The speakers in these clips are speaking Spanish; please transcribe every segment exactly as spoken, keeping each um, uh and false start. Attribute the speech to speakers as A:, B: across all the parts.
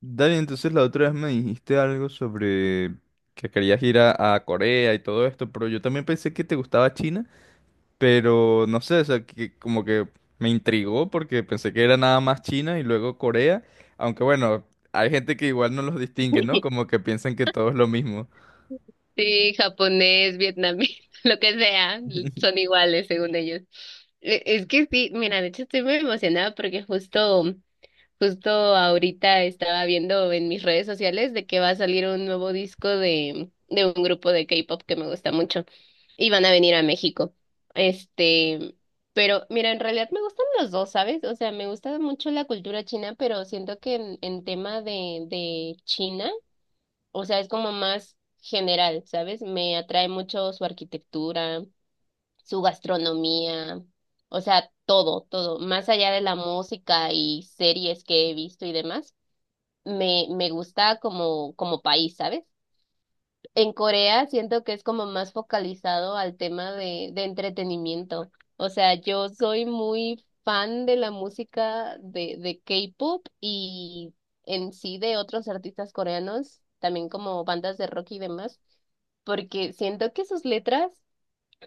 A: Dale, entonces la otra vez me dijiste algo sobre que querías ir a, a Corea y todo esto, pero yo también pensé que te gustaba China, pero no sé, o sea, que como que me intrigó porque pensé que era nada más China y luego Corea, aunque bueno, hay gente que igual no los distingue, ¿no? Como que piensan que todo es lo mismo.
B: Sí, japonés, vietnamita, lo que sea, son iguales según ellos. E- Es que sí, mira, de hecho estoy muy emocionada porque justo, justo ahorita estaba viendo en mis redes sociales de que va a salir un nuevo disco de, de un grupo de K-pop que me gusta mucho y van a venir a México. Este, pero mira, en realidad me gustan los dos, ¿sabes? O sea, me gusta mucho la cultura china, pero siento que en, en tema de, de China. O sea, es como más general, ¿sabes? Me atrae mucho su arquitectura, su gastronomía, o sea, todo, todo. Más allá de la música y series que he visto y demás, me, me gusta como, como país, ¿sabes? En Corea siento que es como más focalizado al tema de, de entretenimiento. O sea, yo soy muy fan de la música de, de K-pop y en sí de otros artistas coreanos, también como bandas de rock y demás, porque siento que sus letras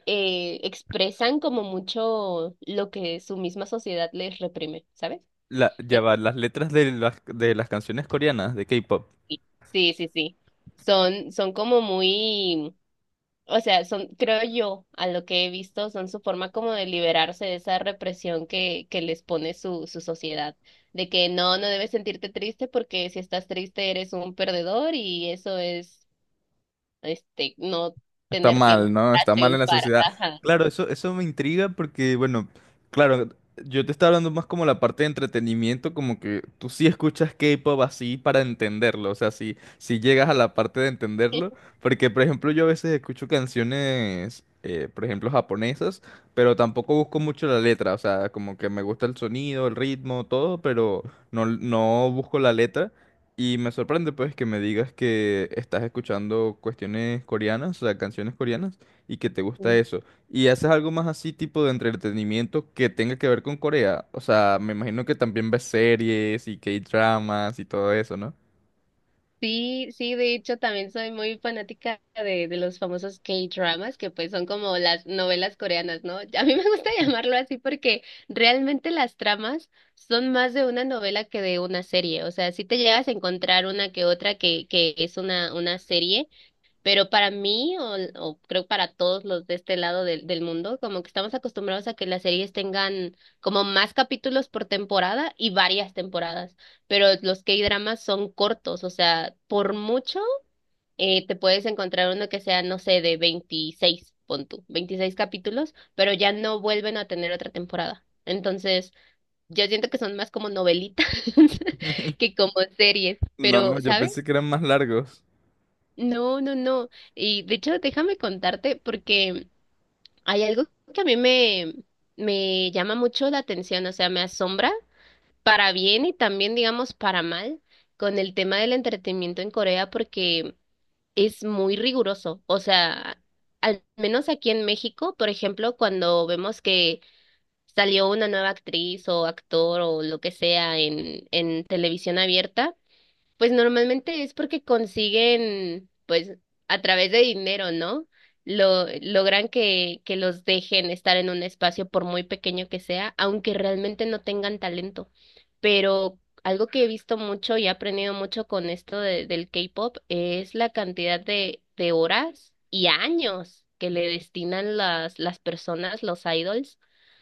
B: eh, expresan como mucho lo que su misma sociedad les reprime, ¿sabes?
A: La, ya
B: Eh,
A: va, las letras de las, de las canciones coreanas de K-pop.
B: Sí, sí, sí. Son, son como muy. O sea, son, creo yo, a lo que he visto, son su forma como de liberarse de esa represión que, que les pone su, su sociedad, de que no, no debes sentirte triste porque si estás triste eres un perdedor y eso es, este, no
A: Está
B: tener
A: mal,
B: tiempo
A: ¿no?
B: para
A: Está mal en la
B: triunfar.
A: sociedad.
B: Ajá.
A: Claro. Eh, eso, eso me intriga porque, bueno, claro, yo te estaba hablando más como la parte de entretenimiento, como que tú sí escuchas K-pop así para entenderlo, o sea, si, si llegas a la parte de entenderlo, porque, por ejemplo, yo a veces escucho canciones, eh, por ejemplo, japonesas, pero tampoco busco mucho la letra, o sea, como que me gusta el sonido, el ritmo, todo, pero no, no busco la letra. Y me sorprende pues que me digas que estás escuchando cuestiones coreanas, o sea, canciones coreanas, y que te gusta eso. ¿Y haces algo más así tipo de entretenimiento que tenga que ver con Corea? O sea, me imagino que también ves series y K-dramas y todo eso, ¿no?
B: Sí, sí, de hecho también soy muy fanática de, de los famosos K-dramas, que pues son como las novelas coreanas, ¿no? A mí me gusta llamarlo así porque realmente las tramas son más de una novela que de una serie, o sea, sí te llegas a encontrar una que otra que, que es una, una serie, pero para mí, o, o creo para todos los de este lado del, del mundo, como que estamos acostumbrados a que las series tengan como más capítulos por temporada y varias temporadas, pero los K-dramas son cortos, o sea, por mucho eh, te puedes encontrar uno que sea, no sé, de veintiséis pon tú, veintiséis capítulos, pero ya no vuelven a tener otra temporada. Entonces, yo siento que son más como novelitas que como series, pero,
A: No, yo
B: ¿sabes?
A: pensé que eran más largos.
B: No, no, no. Y de hecho, déjame contarte porque hay algo que a mí me, me llama mucho la atención, o sea, me asombra para bien y también, digamos, para mal con el tema del entretenimiento en Corea porque es muy riguroso. O sea, al menos aquí en México, por ejemplo, cuando vemos que salió una nueva actriz o actor o lo que sea en, en televisión abierta. Pues normalmente es porque consiguen, pues a través de dinero, ¿no? Lo, logran que, que los dejen estar en un espacio por muy pequeño que sea, aunque realmente no tengan talento. Pero algo que he visto mucho y he aprendido mucho con esto de- del K-pop es la cantidad de, de horas y años que le destinan las, las personas, los idols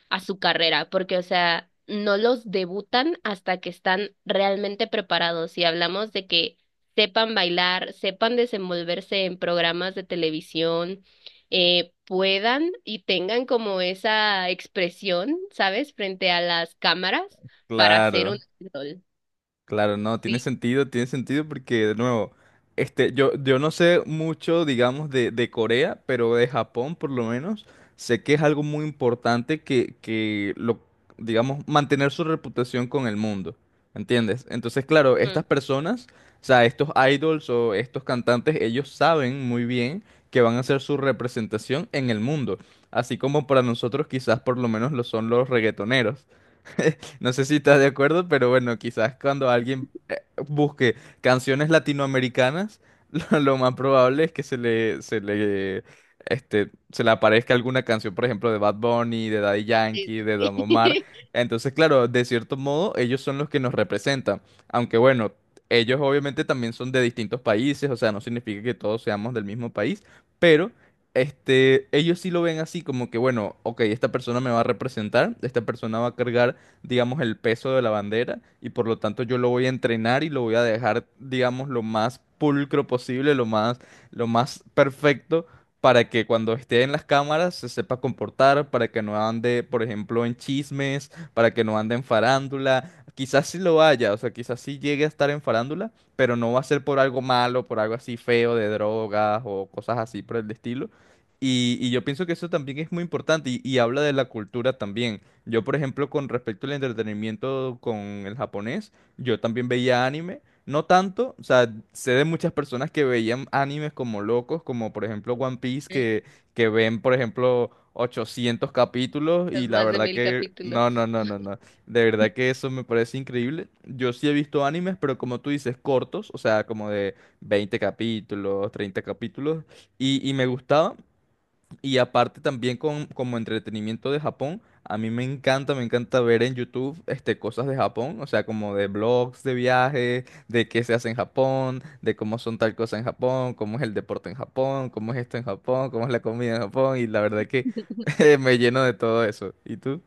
B: a su carrera, porque, o sea, no los debutan hasta que están realmente preparados. Y hablamos de que sepan bailar, sepan desenvolverse en programas de televisión, eh, puedan y tengan como esa expresión, ¿sabes?, frente a las cámaras para hacer
A: Claro.
B: un idol.
A: Claro, no, tiene
B: Sí.
A: sentido, tiene sentido porque, de nuevo, este, yo, yo no sé mucho, digamos, de, de Corea, pero de Japón, por lo menos, sé que es algo muy importante que, que lo, digamos, mantener su reputación con el mundo, ¿entiendes? Entonces, claro,
B: Mm.
A: estas personas, o sea, estos idols o estos cantantes, ellos saben muy bien que van a ser su representación en el mundo, así como para nosotros quizás por lo menos lo son los reggaetoneros. No sé si estás de acuerdo, pero bueno, quizás cuando alguien eh, busque canciones latinoamericanas, lo, lo más probable es que se le, se le, este, se le aparezca alguna canción, por ejemplo, de Bad Bunny, de Daddy
B: Sí,
A: Yankee, de Don
B: sí,
A: Omar. Entonces, claro, de cierto modo, ellos son los que nos representan. Aunque bueno, ellos obviamente también son de distintos países, o sea, no significa que todos seamos del mismo país, pero... Este, ellos sí lo ven así como que, bueno, ok, esta persona me va a representar, esta persona va a cargar, digamos, el peso de la bandera y por lo tanto yo lo voy a entrenar y lo voy a dejar, digamos, lo más pulcro posible, lo más, lo más perfecto para que cuando esté en las cámaras se sepa comportar, para que no ande, por ejemplo, en chismes, para que no ande en farándula. Quizás sí lo haya, o sea, quizás sí llegue a estar en farándula, pero no va a ser por algo malo, por algo así feo de drogas o cosas así por el estilo. Y, y yo pienso que eso también es muy importante y, y habla de la cultura también. Yo, por ejemplo, con respecto al entretenimiento con el japonés, yo también veía anime. No tanto, o sea, sé de muchas personas que veían animes como locos, como por ejemplo One Piece,
B: sí.
A: que, que ven, por ejemplo, ochocientos capítulos y
B: Los
A: la
B: más de
A: verdad
B: mil
A: que... No, no,
B: capítulos.
A: no, no, no. De verdad que eso me parece increíble. Yo sí he visto animes, pero como tú dices, cortos, o sea, como de veinte capítulos, treinta capítulos, y, y me gustaban y aparte también con, como entretenimiento de Japón, a mí me encanta, me encanta ver en YouTube, este, cosas de Japón, o sea, como de blogs de viaje, de qué se hace en Japón, de cómo son tal cosa en Japón, cómo es el deporte en Japón, cómo es esto en Japón, cómo es la comida en Japón, y la verdad que me lleno de todo eso. ¿Y tú?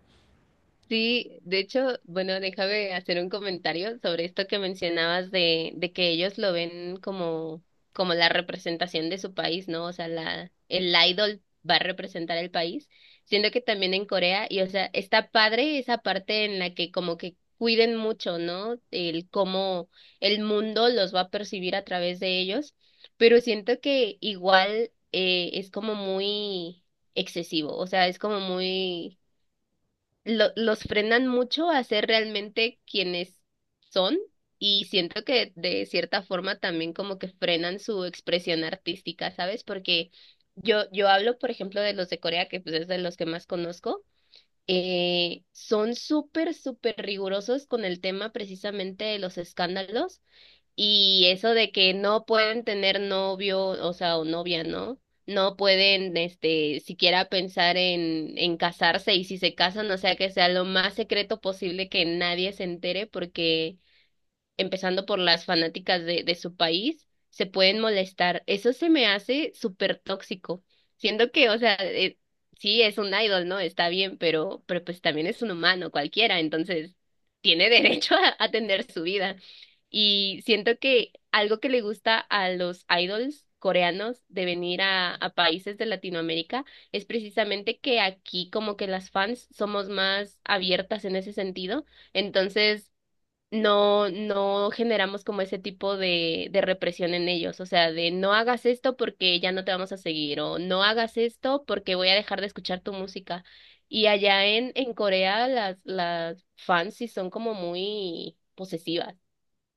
B: Sí, de hecho, bueno, déjame hacer un comentario sobre esto que mencionabas de, de que ellos lo ven como, como, la representación de su país, ¿no? O sea, la, el idol va a representar el país, siendo que también en Corea, y o sea, está padre esa parte en la que como que cuiden mucho, ¿no? El cómo el mundo los va a percibir a través de ellos, pero siento que igual eh, es como muy excesivo, o sea, es como muy. Lo- los frenan mucho a ser realmente quienes son y siento que de cierta forma también como que frenan su expresión artística, ¿sabes? Porque yo, yo hablo, por ejemplo, de los de Corea, que pues es de los que más conozco, eh, son súper, súper rigurosos con el tema precisamente de los escándalos y eso de que no pueden tener novio, o sea, o novia, ¿no? No pueden, este, siquiera pensar en, en casarse y si se casan, o sea, que sea lo más secreto posible que nadie se entere porque empezando por las fanáticas de, de su país, se pueden molestar. Eso se me hace súper tóxico. Siendo que, o sea, eh, sí es un idol, ¿no? Está bien, pero, pero pues también es un humano cualquiera, entonces tiene derecho a, a tener su vida. Y siento que algo que le gusta a los idols coreanos de venir a, a países de Latinoamérica es precisamente que aquí como que las fans somos más abiertas en ese sentido. Entonces, no, no generamos como ese tipo de, de represión en ellos, o sea, de no hagas esto porque ya no te vamos a seguir, o no hagas esto porque voy a dejar de escuchar tu música. Y allá en, en Corea las, las fans sí son como muy posesivas.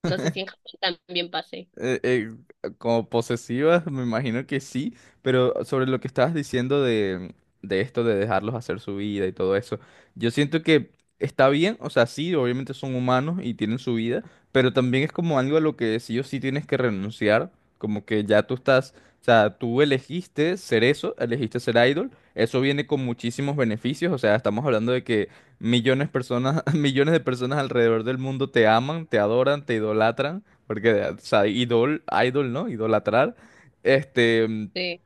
B: No sé si en Japón también pase.
A: Eh, eh, como posesivas, me imagino que sí, pero sobre lo que estabas diciendo de, de esto de dejarlos hacer su vida y todo eso, yo siento que está bien, o sea, sí, obviamente son humanos y tienen su vida, pero también es como algo a lo que sí o sí tienes que renunciar, como que ya tú estás, o sea, tú elegiste ser eso, elegiste ser idol, eso viene con muchísimos beneficios, o sea, estamos hablando de que millones de personas, millones de personas alrededor del mundo te aman, te adoran, te idolatran. Porque, o sea, idol, idol, ¿no? Idolatrar, este,
B: Sí.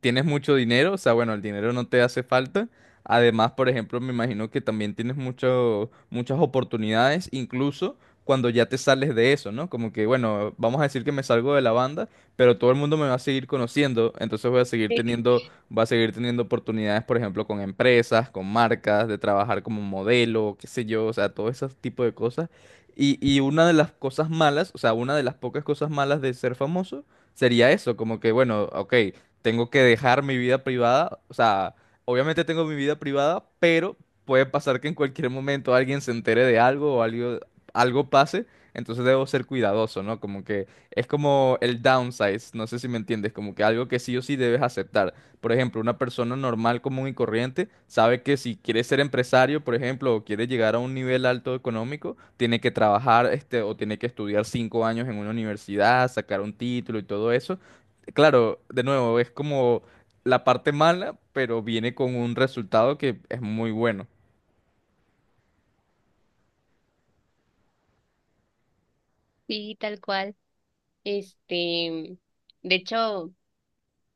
A: tienes mucho dinero, o sea, bueno, el dinero no te hace falta. Además, por ejemplo, me imagino que también tienes mucho- muchas oportunidades, incluso cuando ya te sales de eso, ¿no? Como que, bueno, vamos a decir que me salgo de la banda, pero todo el mundo me va a seguir conociendo, entonces voy a seguir teniendo, va a seguir teniendo oportunidades, por ejemplo, con empresas, con marcas, de trabajar como modelo, qué sé yo, o sea, todo ese tipo de cosas. Y, y una de las cosas malas, o sea, una de las pocas cosas malas de ser famoso sería eso, como que, bueno, ok, tengo que dejar mi vida privada. O sea, obviamente tengo mi vida privada, pero puede pasar que en cualquier momento alguien se entere de algo o algo, algo pase. Entonces debo ser cuidadoso, ¿no? Como que es como el downsize, no sé si me entiendes, como que algo que sí o sí debes aceptar. Por ejemplo, una persona normal, común y corriente sabe que si quiere ser empresario, por ejemplo, o quiere llegar a un nivel alto económico, tiene que trabajar, este, o tiene que estudiar cinco años en una universidad, sacar un título y todo eso. Claro, de nuevo, es como la parte mala, pero viene con un resultado que es muy bueno.
B: Sí, tal cual. Este, de hecho,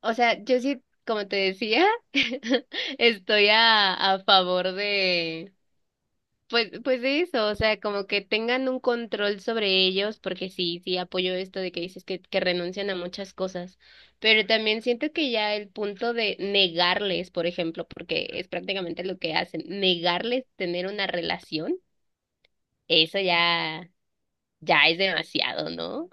B: o sea, yo sí, como te decía, estoy a, a favor de. Pues, pues de eso, o sea, como que tengan un control sobre ellos, porque sí, sí apoyo esto de que dices que, que renuncian a muchas cosas, pero también siento que ya el punto de negarles, por ejemplo, porque es prácticamente lo que hacen, negarles tener una relación, eso ya, ya es demasiado, ¿no?